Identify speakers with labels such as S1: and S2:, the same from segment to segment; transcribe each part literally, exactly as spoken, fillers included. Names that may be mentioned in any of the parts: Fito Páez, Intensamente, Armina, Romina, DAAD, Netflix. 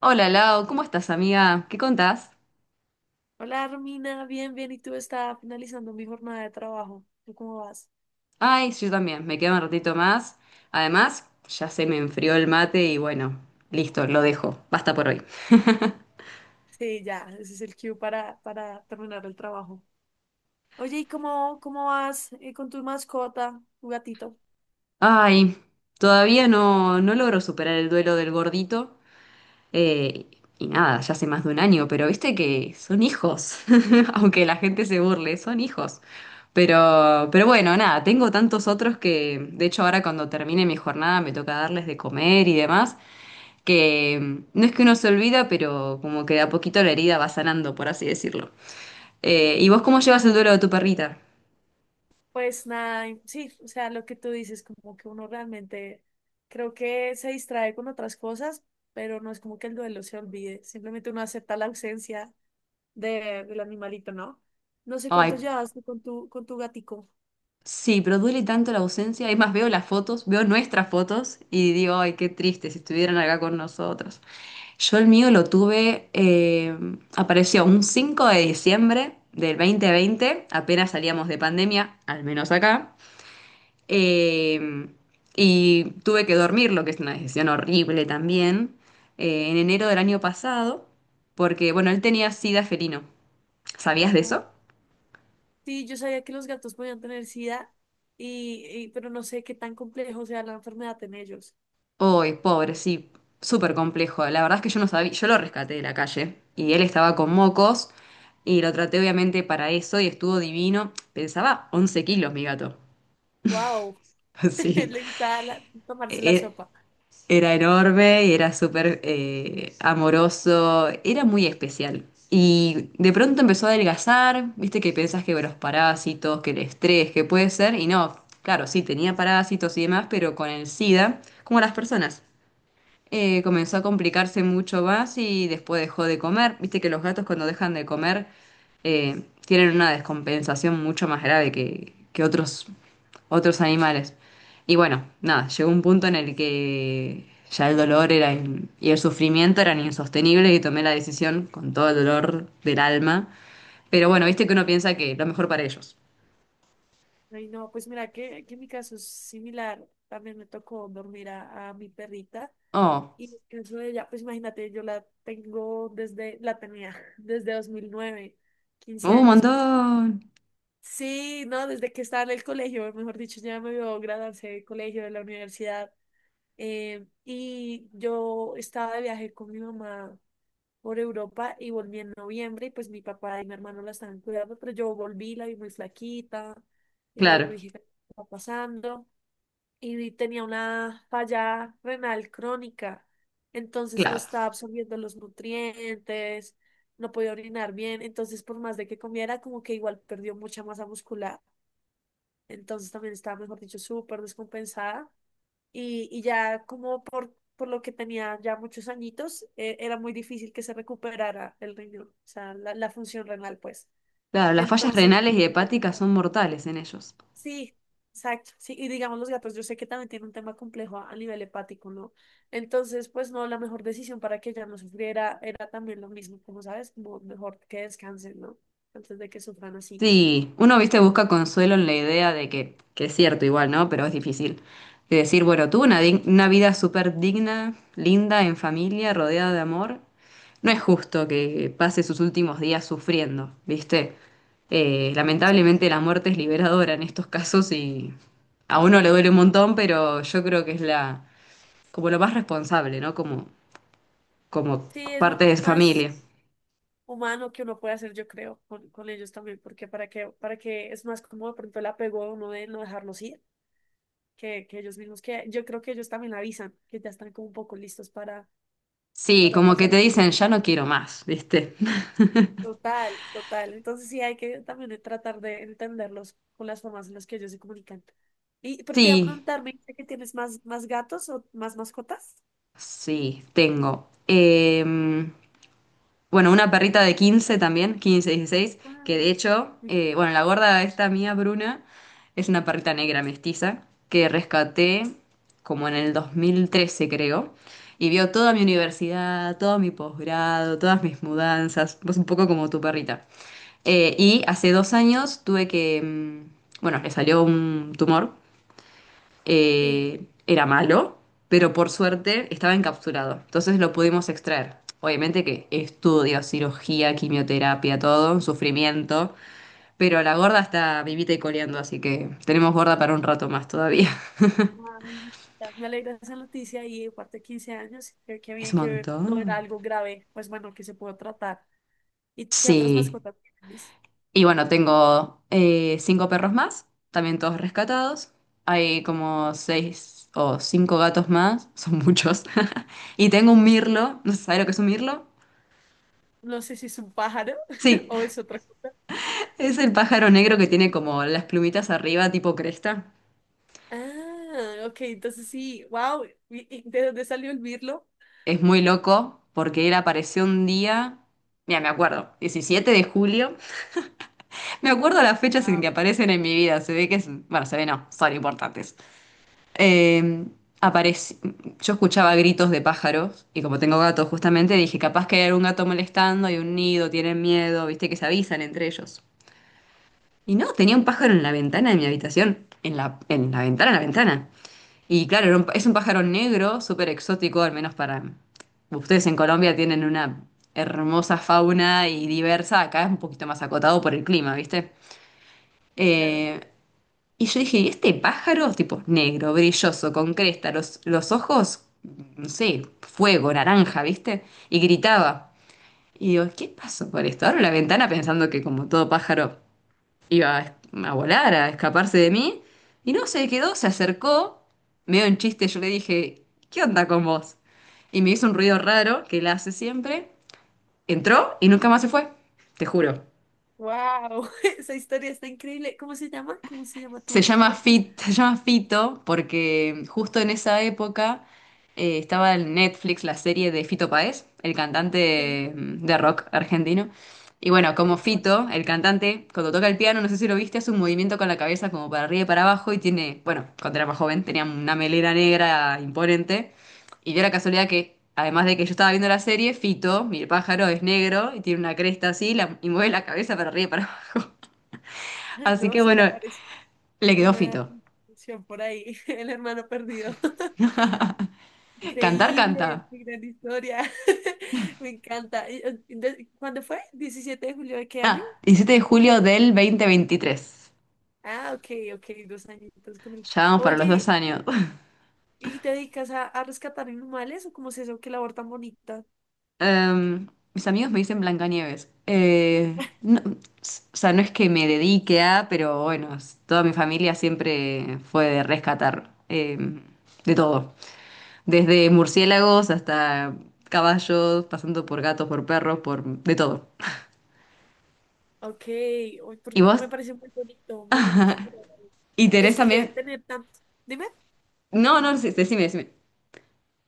S1: Hola Lau, ¿cómo estás amiga? ¿Qué contás?
S2: Hola, Armina, bien, bien. ¿Y tú estás finalizando mi jornada de trabajo? ¿Tú cómo vas?
S1: Ay, sí, yo también, me queda un ratito más. Además, ya se me enfrió el mate y bueno, listo, lo dejo. Basta por hoy.
S2: Sí, ya, ese es el cue para, para terminar el trabajo. Oye, ¿y cómo, cómo vas eh, con tu mascota, tu gatito?
S1: Ay, todavía no, no logro superar el duelo del gordito. Eh, y nada, ya hace más de un año, pero viste que son hijos. Aunque la gente se burle, son hijos. Pero, pero bueno, nada, tengo tantos otros que, de hecho, ahora cuando termine mi jornada me toca darles de comer y demás, que no es que uno se olvida, pero como que de a poquito la herida va sanando, por así decirlo. Eh, ¿y vos cómo llevas el duelo de tu perrita?
S2: Pues nada, y- sí, o sea, lo que tú dices, como que uno realmente creo que se distrae con otras cosas, pero no es como que el duelo se olvide, simplemente uno acepta la ausencia de, del animalito, ¿no? No sé cuánto
S1: Ay,
S2: llevas tú con tu, con tu gatico.
S1: sí, pero duele tanto la ausencia. Es más, veo las fotos, veo nuestras fotos y digo, ay, qué triste si estuvieran acá con nosotros. Yo el mío lo tuve, eh, apareció un cinco de diciembre del dos mil veinte, apenas salíamos de pandemia, al menos acá. Eh, y tuve que dormirlo, que es una decisión horrible también, eh, en enero del año pasado, porque, bueno, él tenía sida felino. ¿Sabías de eso?
S2: Sí, yo sabía que los gatos podían tener SIDA, y, y- pero no sé qué tan complejo sea la enfermedad en ellos.
S1: Uy, pobre, sí, súper complejo. La verdad es que yo no sabía, yo lo rescaté de la calle y él estaba con mocos y lo traté obviamente para eso y estuvo divino. Pensaba once kilos mi gato.
S2: ¡Wow!
S1: Sí.
S2: Le gustaba la- tomarse la
S1: Eh, eh,
S2: sopa.
S1: Era enorme y era súper eh, amoroso, era muy especial. Y de pronto empezó a adelgazar, viste que pensás que bueno, los parásitos, que el estrés, que puede ser, y no, claro, sí, tenía parásitos y demás, pero con el SIDA, como las personas, eh, comenzó a complicarse mucho más y después dejó de comer. Viste que los gatos cuando dejan de comer eh, tienen una descompensación mucho más grave que, que otros otros animales. Y bueno, nada, llegó un punto en el que ya el dolor era in- y el sufrimiento eran insostenibles y tomé la decisión con todo el dolor del alma. Pero bueno, viste que uno piensa que lo mejor para ellos.
S2: Ay, no, pues mira que, que mi caso es similar. También me tocó dormir a, a mi perrita.
S1: Oh,
S2: Y en el caso de ella, pues imagínate, yo la tengo desde, la tenía desde dos mil nueve, quince
S1: un
S2: años. Con-
S1: montón.
S2: Sí, no, desde que estaba en el colegio, mejor dicho, ya me vio graduarse del colegio, de la universidad. eh, y yo estaba de viaje con mi mamá por Europa y volví en noviembre y pues mi papá y mi hermano la estaban cuidando, pero yo volví, la vi muy flaquita. Y yo
S1: Claro,
S2: dije, ¿qué está pasando? Y tenía una falla renal crónica, entonces no
S1: claro,
S2: estaba absorbiendo los nutrientes, no podía orinar bien, entonces por más de que comiera, como que igual perdió mucha masa muscular, entonces también estaba, mejor dicho, súper descompensada y, y ya como por, por lo que tenía ya muchos añitos, eh, era muy difícil que se recuperara el riñón, o sea, la, la función renal, pues.
S1: claro. Las fallas
S2: Entonces,
S1: renales y hepáticas son mortales en ellos.
S2: sí, exacto. Sí, y digamos, los gatos, yo sé que también tiene un tema complejo a, a nivel hepático, ¿no? Entonces, pues no, la mejor decisión para que ella no sufriera era también lo mismo, como sabes, como mejor que descansen, ¿no? Antes de que sufran así.
S1: Sí, uno, viste, busca consuelo en la idea de que, que es cierto igual, ¿no? Pero es difícil. De decir, bueno, tuve una, dig- una vida súper digna, linda, en familia, rodeada de amor. No es justo que pase sus últimos días sufriendo, ¿viste? Eh,
S2: Sí,
S1: lamentablemente la muerte es liberadora en estos casos y a
S2: sí.
S1: uno le duele un montón, pero yo creo que es la, como lo más responsable, ¿no? Como, como
S2: Sí, es lo,
S1: parte
S2: es
S1: de
S2: lo más
S1: familia.
S2: humano que uno puede hacer, yo creo, con, con ellos también, porque para que, para que es más como de pronto el apego de uno de no dejarlos ir, que, que ellos mismos, que yo creo que ellos también avisan, que ya están como un poco listos para,
S1: Sí,
S2: para
S1: como que
S2: pasar.
S1: te dicen, ya no quiero más, ¿viste?
S2: Total, total. Entonces sí hay que también tratar de entenderlos con las formas en las que ellos se comunican. Y, pero te iba a
S1: Sí.
S2: preguntar, ¿me dijiste que tienes más, más gatos o más mascotas?
S1: Sí, tengo. Em, bueno, una perrita de quince también, quince, dieciséis,
S2: Ah,
S1: que de hecho,
S2: me
S1: eh,
S2: encanta.
S1: bueno, la gorda esta mía, Bruna, es una perrita negra mestiza que rescaté como en el dos mil trece, creo, y vio toda mi universidad, todo mi posgrado, todas mis mudanzas, pues un poco como tu perrita. Eh, y hace dos años tuve que, mm, bueno, le salió un tumor,
S2: Sí.
S1: eh, era malo, pero por suerte estaba encapsulado. Entonces lo pudimos extraer. Obviamente que estudio, cirugía, quimioterapia, todo, un sufrimiento. Pero la gorda está vivita y coleando, así que tenemos gorda para un rato más todavía.
S2: Ay, me encanta. Me alegra esa noticia y aparte de quince años, creo que
S1: Es
S2: bien
S1: un
S2: que no era
S1: montón.
S2: algo grave, pues bueno, que se pudo tratar. ¿Y qué otras
S1: Sí.
S2: mascotas tienes?
S1: Y bueno, tengo eh, cinco perros más, también todos rescatados. Hay como seis o cinco gatos más, son muchos. Y tengo un mirlo. ¿No sabes lo que es un mirlo?
S2: No sé si es un pájaro
S1: Sí.
S2: o es otra cosa.
S1: Es el pájaro negro que tiene como las plumitas arriba, tipo cresta.
S2: Ah, ok, entonces sí, wow. ¿Y y de dónde salió el mirlo?
S1: Es muy loco porque él apareció un día, mira, me acuerdo, diecisiete de julio. Me acuerdo las fechas en
S2: Ah,
S1: que aparecen en mi vida. Se ve que es, bueno, se ve no, son importantes. Eh, apareci- Yo escuchaba gritos de pájaros y como tengo gatos justamente dije, capaz que hay algún gato molestando, hay un nido, tienen miedo, viste que se avisan entre ellos. Y no, tenía un pájaro en la ventana de mi habitación, en la, en la ventana, en la ventana. Y claro, era un- es un pájaro negro, súper exótico, al menos para... Ustedes en Colombia tienen una hermosa fauna y diversa, acá es un poquito más acotado por el clima, ¿viste?
S2: sí, claro.
S1: Eh, y yo dije, este pájaro, tipo negro, brilloso, con cresta, los, los ojos, no sé, fuego, naranja, ¿viste? Y gritaba. Y digo, ¿qué pasó por esto? Abro la ventana pensando que como todo pájaro iba a, es- a volar, a escaparse de mí. Y no, se quedó, se acercó, medio en chiste, yo le dije, ¿qué onda con vos? Y me hizo un ruido raro que él hace siempre. Entró y nunca más se fue, te juro.
S2: Wow, esa historia está increíble. ¿Cómo se llama? ¿Cómo se llama
S1: Se
S2: tu
S1: llama
S2: mirlo?
S1: Fit, se llama Fito porque justo en esa época eh, estaba en Netflix la serie de Fito Páez, el
S2: Sí,
S1: cantante, mm, de
S2: sí,
S1: rock argentino. Y bueno,
S2: el
S1: como
S2: licor.
S1: Fito, el cantante, cuando toca el piano, no sé si lo viste, hace un movimiento con la cabeza como para arriba y para abajo y tiene, bueno, cuando era más joven tenía una melena negra imponente. Y dio la casualidad que, además de que yo estaba viendo la serie, Fito, mi pájaro, es negro y tiene una cresta así la- y mueve la cabeza para arriba y para abajo. Así
S2: No,
S1: que
S2: se te
S1: bueno,
S2: aparece
S1: le quedó
S2: una
S1: Fito.
S2: canción por ahí, el hermano perdido.
S1: Cantar, canta.
S2: Increíble, qué gran historia. Me encanta. Y, eh, de- ¿Cuándo fue? ¿Diecisiete de julio de qué año?
S1: Ah, diecisiete de julio del dos mil veintitrés.
S2: Ah, ok, ok, dos añitos con él.
S1: Ya vamos para los dos
S2: Oye,
S1: años.
S2: ¿y te dedicas a, a rescatar animales o cómo es eso? ¿Qué labor tan bonita?
S1: Em, Mis amigos me dicen Blancanieves. Eh, no, s- o sea, no es que me dedique a, pero bueno, s- toda mi familia siempre fue de rescatar, em, de todo. Desde murciélagos hasta caballos, pasando por gatos, por perros, por de todo.
S2: Ok, uy,
S1: ¿Y
S2: porque
S1: vos?
S2: me parece muy bonito, muy bonito.
S1: ¿Y tenés
S2: Es que
S1: también?
S2: tener tanto. Dime.
S1: No, no, sí, decime, decime.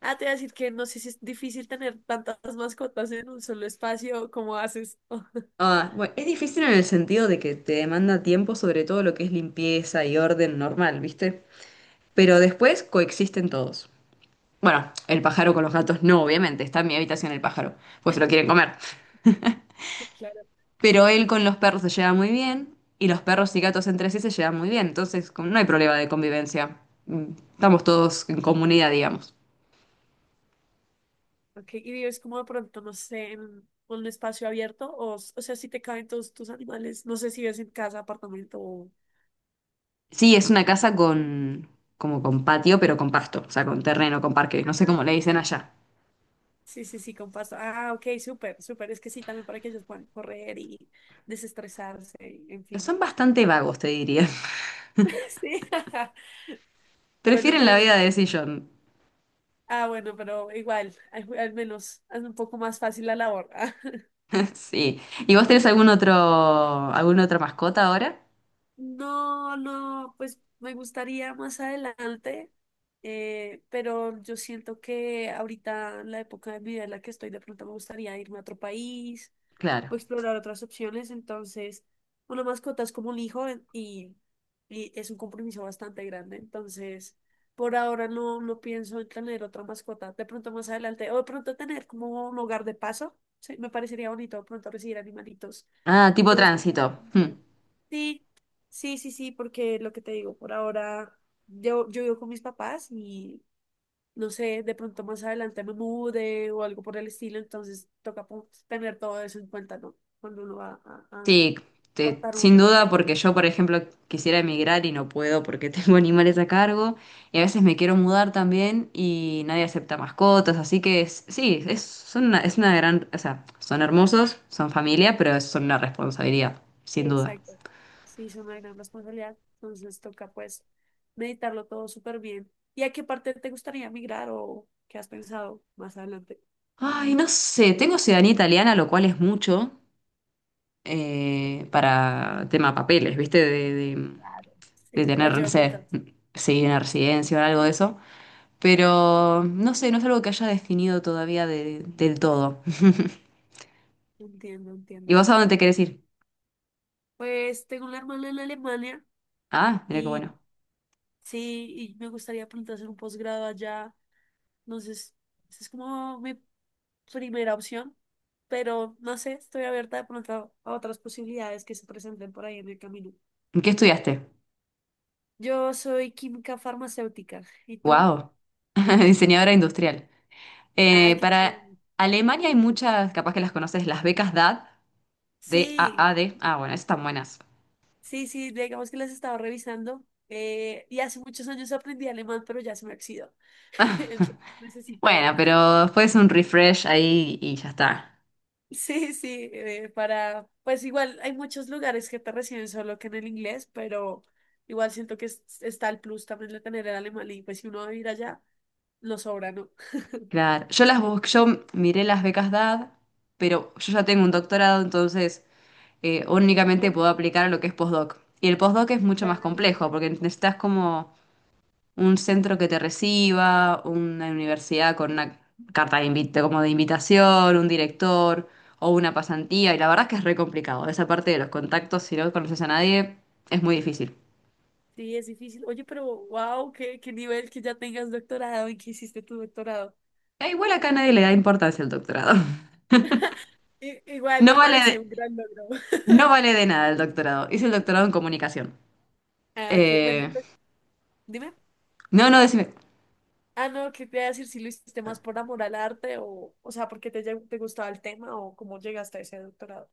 S2: Ah, te voy a decir que no sé si es difícil tener tantas mascotas en un solo espacio, ¿cómo haces?
S1: Ah, bueno, es difícil en el sentido de que te demanda tiempo, sobre todo lo que es limpieza y orden normal, ¿viste? Pero después coexisten todos. Bueno, el pájaro con los gatos no, obviamente, está en mi habitación el pájaro, pues se lo quieren comer.
S2: Claro.
S1: Pero él con los perros se lleva muy bien y los perros y gatos entre sí se llevan muy bien, entonces como no hay problema de convivencia. Mm, Estamos todos en comunidad, digamos.
S2: Ok, y vives como de pronto, no sé, en un espacio abierto, o, s- o sea, si te caben todos tus animales, no sé si vives en casa, apartamento o...
S1: Sí, es una casa con, como con patio, pero con pasto, o sea, con terreno, con parque, no sé
S2: Ah,
S1: cómo le dicen
S2: ok.
S1: allá.
S2: Sí, sí, sí, con pasto. Ah, ok, súper, súper. Es que sí, también para que ellos puedan correr y desestresarse, en fin.
S1: Son bastante vagos, te diría.
S2: Sí. Bueno,
S1: Prefieren la
S2: al
S1: vida de sillón.
S2: Ah, bueno, pero igual, al, al menos es un poco más fácil la labor.
S1: Sí. ¿Y vos tenés algún otro, alguna otra mascota ahora?
S2: No, no, pues me gustaría más adelante, eh, pero yo siento que ahorita, en la época de mi vida en la que estoy, de pronto me gustaría irme a otro país,
S1: Claro.
S2: o explorar otras opciones. Entonces, una mascota es como un hijo en- y, y es un compromiso bastante grande. Entonces, por ahora no, no pienso en tener otra mascota. De pronto más adelante, o de pronto tener como un hogar de paso. Sí, me parecería bonito de pronto recibir animalitos
S1: Ah,
S2: que
S1: tipo
S2: buscan.
S1: tránsito. Hmm.
S2: Sí, sí, sí, sí, porque lo que te digo, por ahora yo, yo vivo con mis papás y no sé, de pronto más adelante me mude o algo por el estilo, entonces toca pon- tener todo eso en cuenta, ¿no? Cuando uno va a, a, a
S1: Sí, te-
S2: adoptar un
S1: sin duda,
S2: animal.
S1: porque yo, por ejemplo, quisiera emigrar y no puedo porque tengo animales a cargo. Y a veces me quiero mudar también y nadie acepta mascotas. Así que es- sí, es, son una, es una gran. O sea, son hermosos, son familia, pero son una responsabilidad,
S2: Sí,
S1: sin duda.
S2: exacto. Sí, es una gran responsabilidad, entonces toca pues meditarlo todo súper bien. ¿Y a qué parte te gustaría migrar o qué has pensado más adelante?
S1: Ay, no sé, tengo ciudadanía italiana, lo cual es mucho, eh, para tema papeles, ¿viste? De, de,
S2: Claro.
S1: de
S2: Sí, te
S1: tener, no
S2: ayuda un
S1: sé,
S2: montón.
S1: sí, una residencia o algo de eso. Pero no sé, no es algo que haya definido todavía de- del todo.
S2: Entiendo,
S1: ¿Y
S2: entiendo.
S1: vos a dónde te querés ir?
S2: Pues tengo una hermana en Alemania
S1: Ah, mira qué
S2: y
S1: bueno.
S2: sí, y me gustaría pronto hacer un posgrado allá. Entonces, esa es como mi primera opción, pero no sé, estoy abierta de pronto a otras posibilidades que se presenten por ahí en el camino.
S1: ¿Qué estudiaste?
S2: Yo soy química farmacéutica, ¿y tú?
S1: Wow, diseñadora industrial.
S2: Ah,
S1: Eh,
S2: qué
S1: para
S2: chévere.
S1: Alemania hay muchas, capaz que las conoces, las becas D A D,
S2: Sí,
S1: D A A D. Ah, bueno, esas están buenas.
S2: sí, sí, digamos que las estaba revisando eh, y hace muchos años aprendí alemán, pero ya se me oxidó. Entonces, necesito
S1: Bueno, pero después un refresh ahí y ya está.
S2: Sí, sí, eh, para, pues igual hay muchos lugares que te reciben solo que en el inglés, pero igual siento que es- está el plus también de tener el alemán y pues si uno va a ir allá, lo sobra, ¿no?
S1: Claro, yo las busqué, yo miré las becas D A D, pero yo ya tengo un doctorado, entonces eh, únicamente
S2: Oh,
S1: puedo aplicar a lo que es postdoc. Y el postdoc es mucho más
S2: claro.
S1: complejo, porque necesitas como un centro que te reciba, una universidad con una carta de invite, como de invitación, un director o una pasantía, y la verdad es que es re complicado. Esa parte de los contactos, si no conoces a nadie, es muy difícil.
S2: Sí, es difícil. Oye, pero wow, qué, qué nivel que ya tengas doctorado y que hiciste tu doctorado.
S1: E igual acá nadie le da importancia al doctorado.
S2: I- igual
S1: No
S2: me
S1: vale
S2: parece
S1: de-
S2: un gran logro.
S1: no vale de nada el doctorado. Hice el doctorado en comunicación.
S2: Ah, ok, bueno,
S1: Eh,
S2: entonces, dime.
S1: no, no, decime.
S2: Ah, no, ¿qué te iba a decir si lo hiciste más por amor al arte o, o sea, porque te, lle- te gustaba el tema o cómo llegaste a ese doctorado?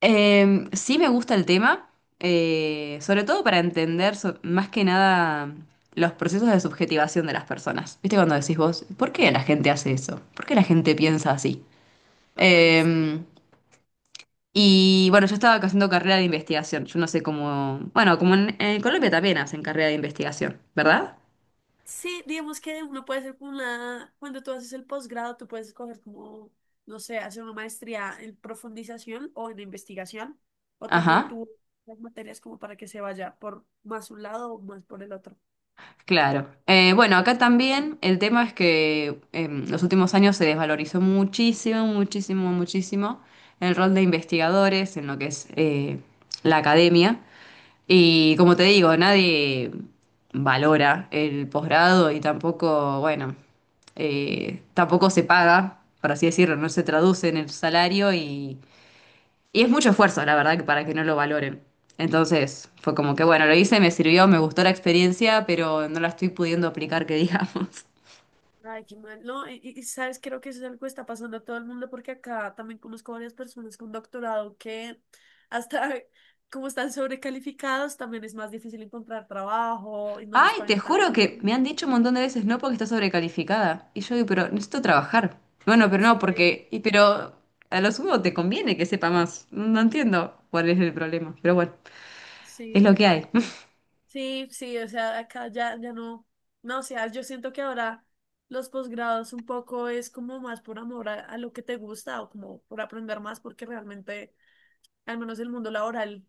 S1: Eh, sí, me gusta el tema, eh, sobre todo para entender so- más que nada los procesos de subjetivación de las personas. ¿Viste cuando decís vos, ¿por qué la gente hace eso? ¿Por qué la gente piensa así?
S2: Total.
S1: Eh, y bueno, yo estaba haciendo carrera de investigación. Yo no sé cómo... Bueno, como en, en Colombia también hacen carrera de investigación, ¿verdad?
S2: Sí, digamos que uno puede hacer como una, cuando tú haces el posgrado, tú puedes escoger como, no sé, hacer una maestría en profundización o en investigación, o también
S1: Ajá.
S2: tú las materias como para que se vaya por más un lado o más por el otro.
S1: Claro. Eh, bueno, acá también el tema es que en los últimos años se desvalorizó muchísimo, muchísimo, muchísimo el rol de investigadores en lo que es, eh, la academia. Y como te digo, nadie valora el posgrado y tampoco, bueno, eh, tampoco se paga, por así decirlo, no se traduce en el salario, y y es mucho esfuerzo, la verdad, que para que no lo valoren. Entonces, fue como que, bueno, lo hice, me sirvió, me gustó la experiencia, pero no la estoy pudiendo aplicar, que digamos.
S2: Ay, qué mal. No, y, y- y sabes, creo que eso es algo que está pasando a todo el mundo porque acá también conozco varias personas con doctorado que hasta como están sobrecalificados, también es más difícil encontrar trabajo y no los
S1: Ay, te
S2: pagan tan
S1: juro que me
S2: bien.
S1: han dicho un montón de veces, no, porque está sobrecalificada. Y yo digo, pero necesito trabajar. Bueno, pero
S2: Es
S1: no, porque,
S2: increíble.
S1: y, pero a lo sumo te conviene que sepa más. No entiendo cuál es el problema, pero bueno, es
S2: Sí,
S1: lo
S2: qué
S1: que hay.
S2: mal. Sí, sí, o sea, acá ya, ya no, no, o sea, yo siento que ahora los posgrados un poco es como más por amor a, a lo que te gusta o como por aprender más, porque realmente, al menos el mundo laboral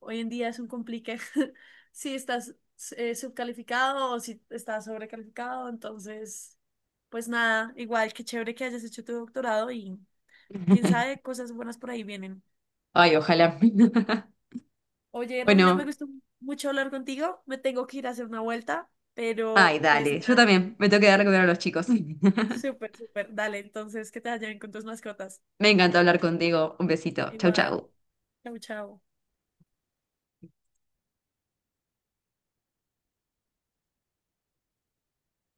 S2: hoy en día es un complique si estás eh, subcalificado o si estás sobrecalificado, entonces, pues nada, igual, qué chévere que hayas hecho tu doctorado y quién sabe, cosas buenas por ahí vienen.
S1: Ay, ojalá.
S2: Oye, Romina, me
S1: Bueno,
S2: gustó mucho hablar contigo, me tengo que ir a hacer una vuelta.
S1: ay,
S2: Pero pues
S1: dale, yo también me tengo que dar de comer a los chicos.
S2: Súper, súper. Dale, entonces, que te vaya bien con tus mascotas.
S1: Me encantó hablar contigo. Un besito. Chau,
S2: Igual.
S1: chau.
S2: Chau, chau.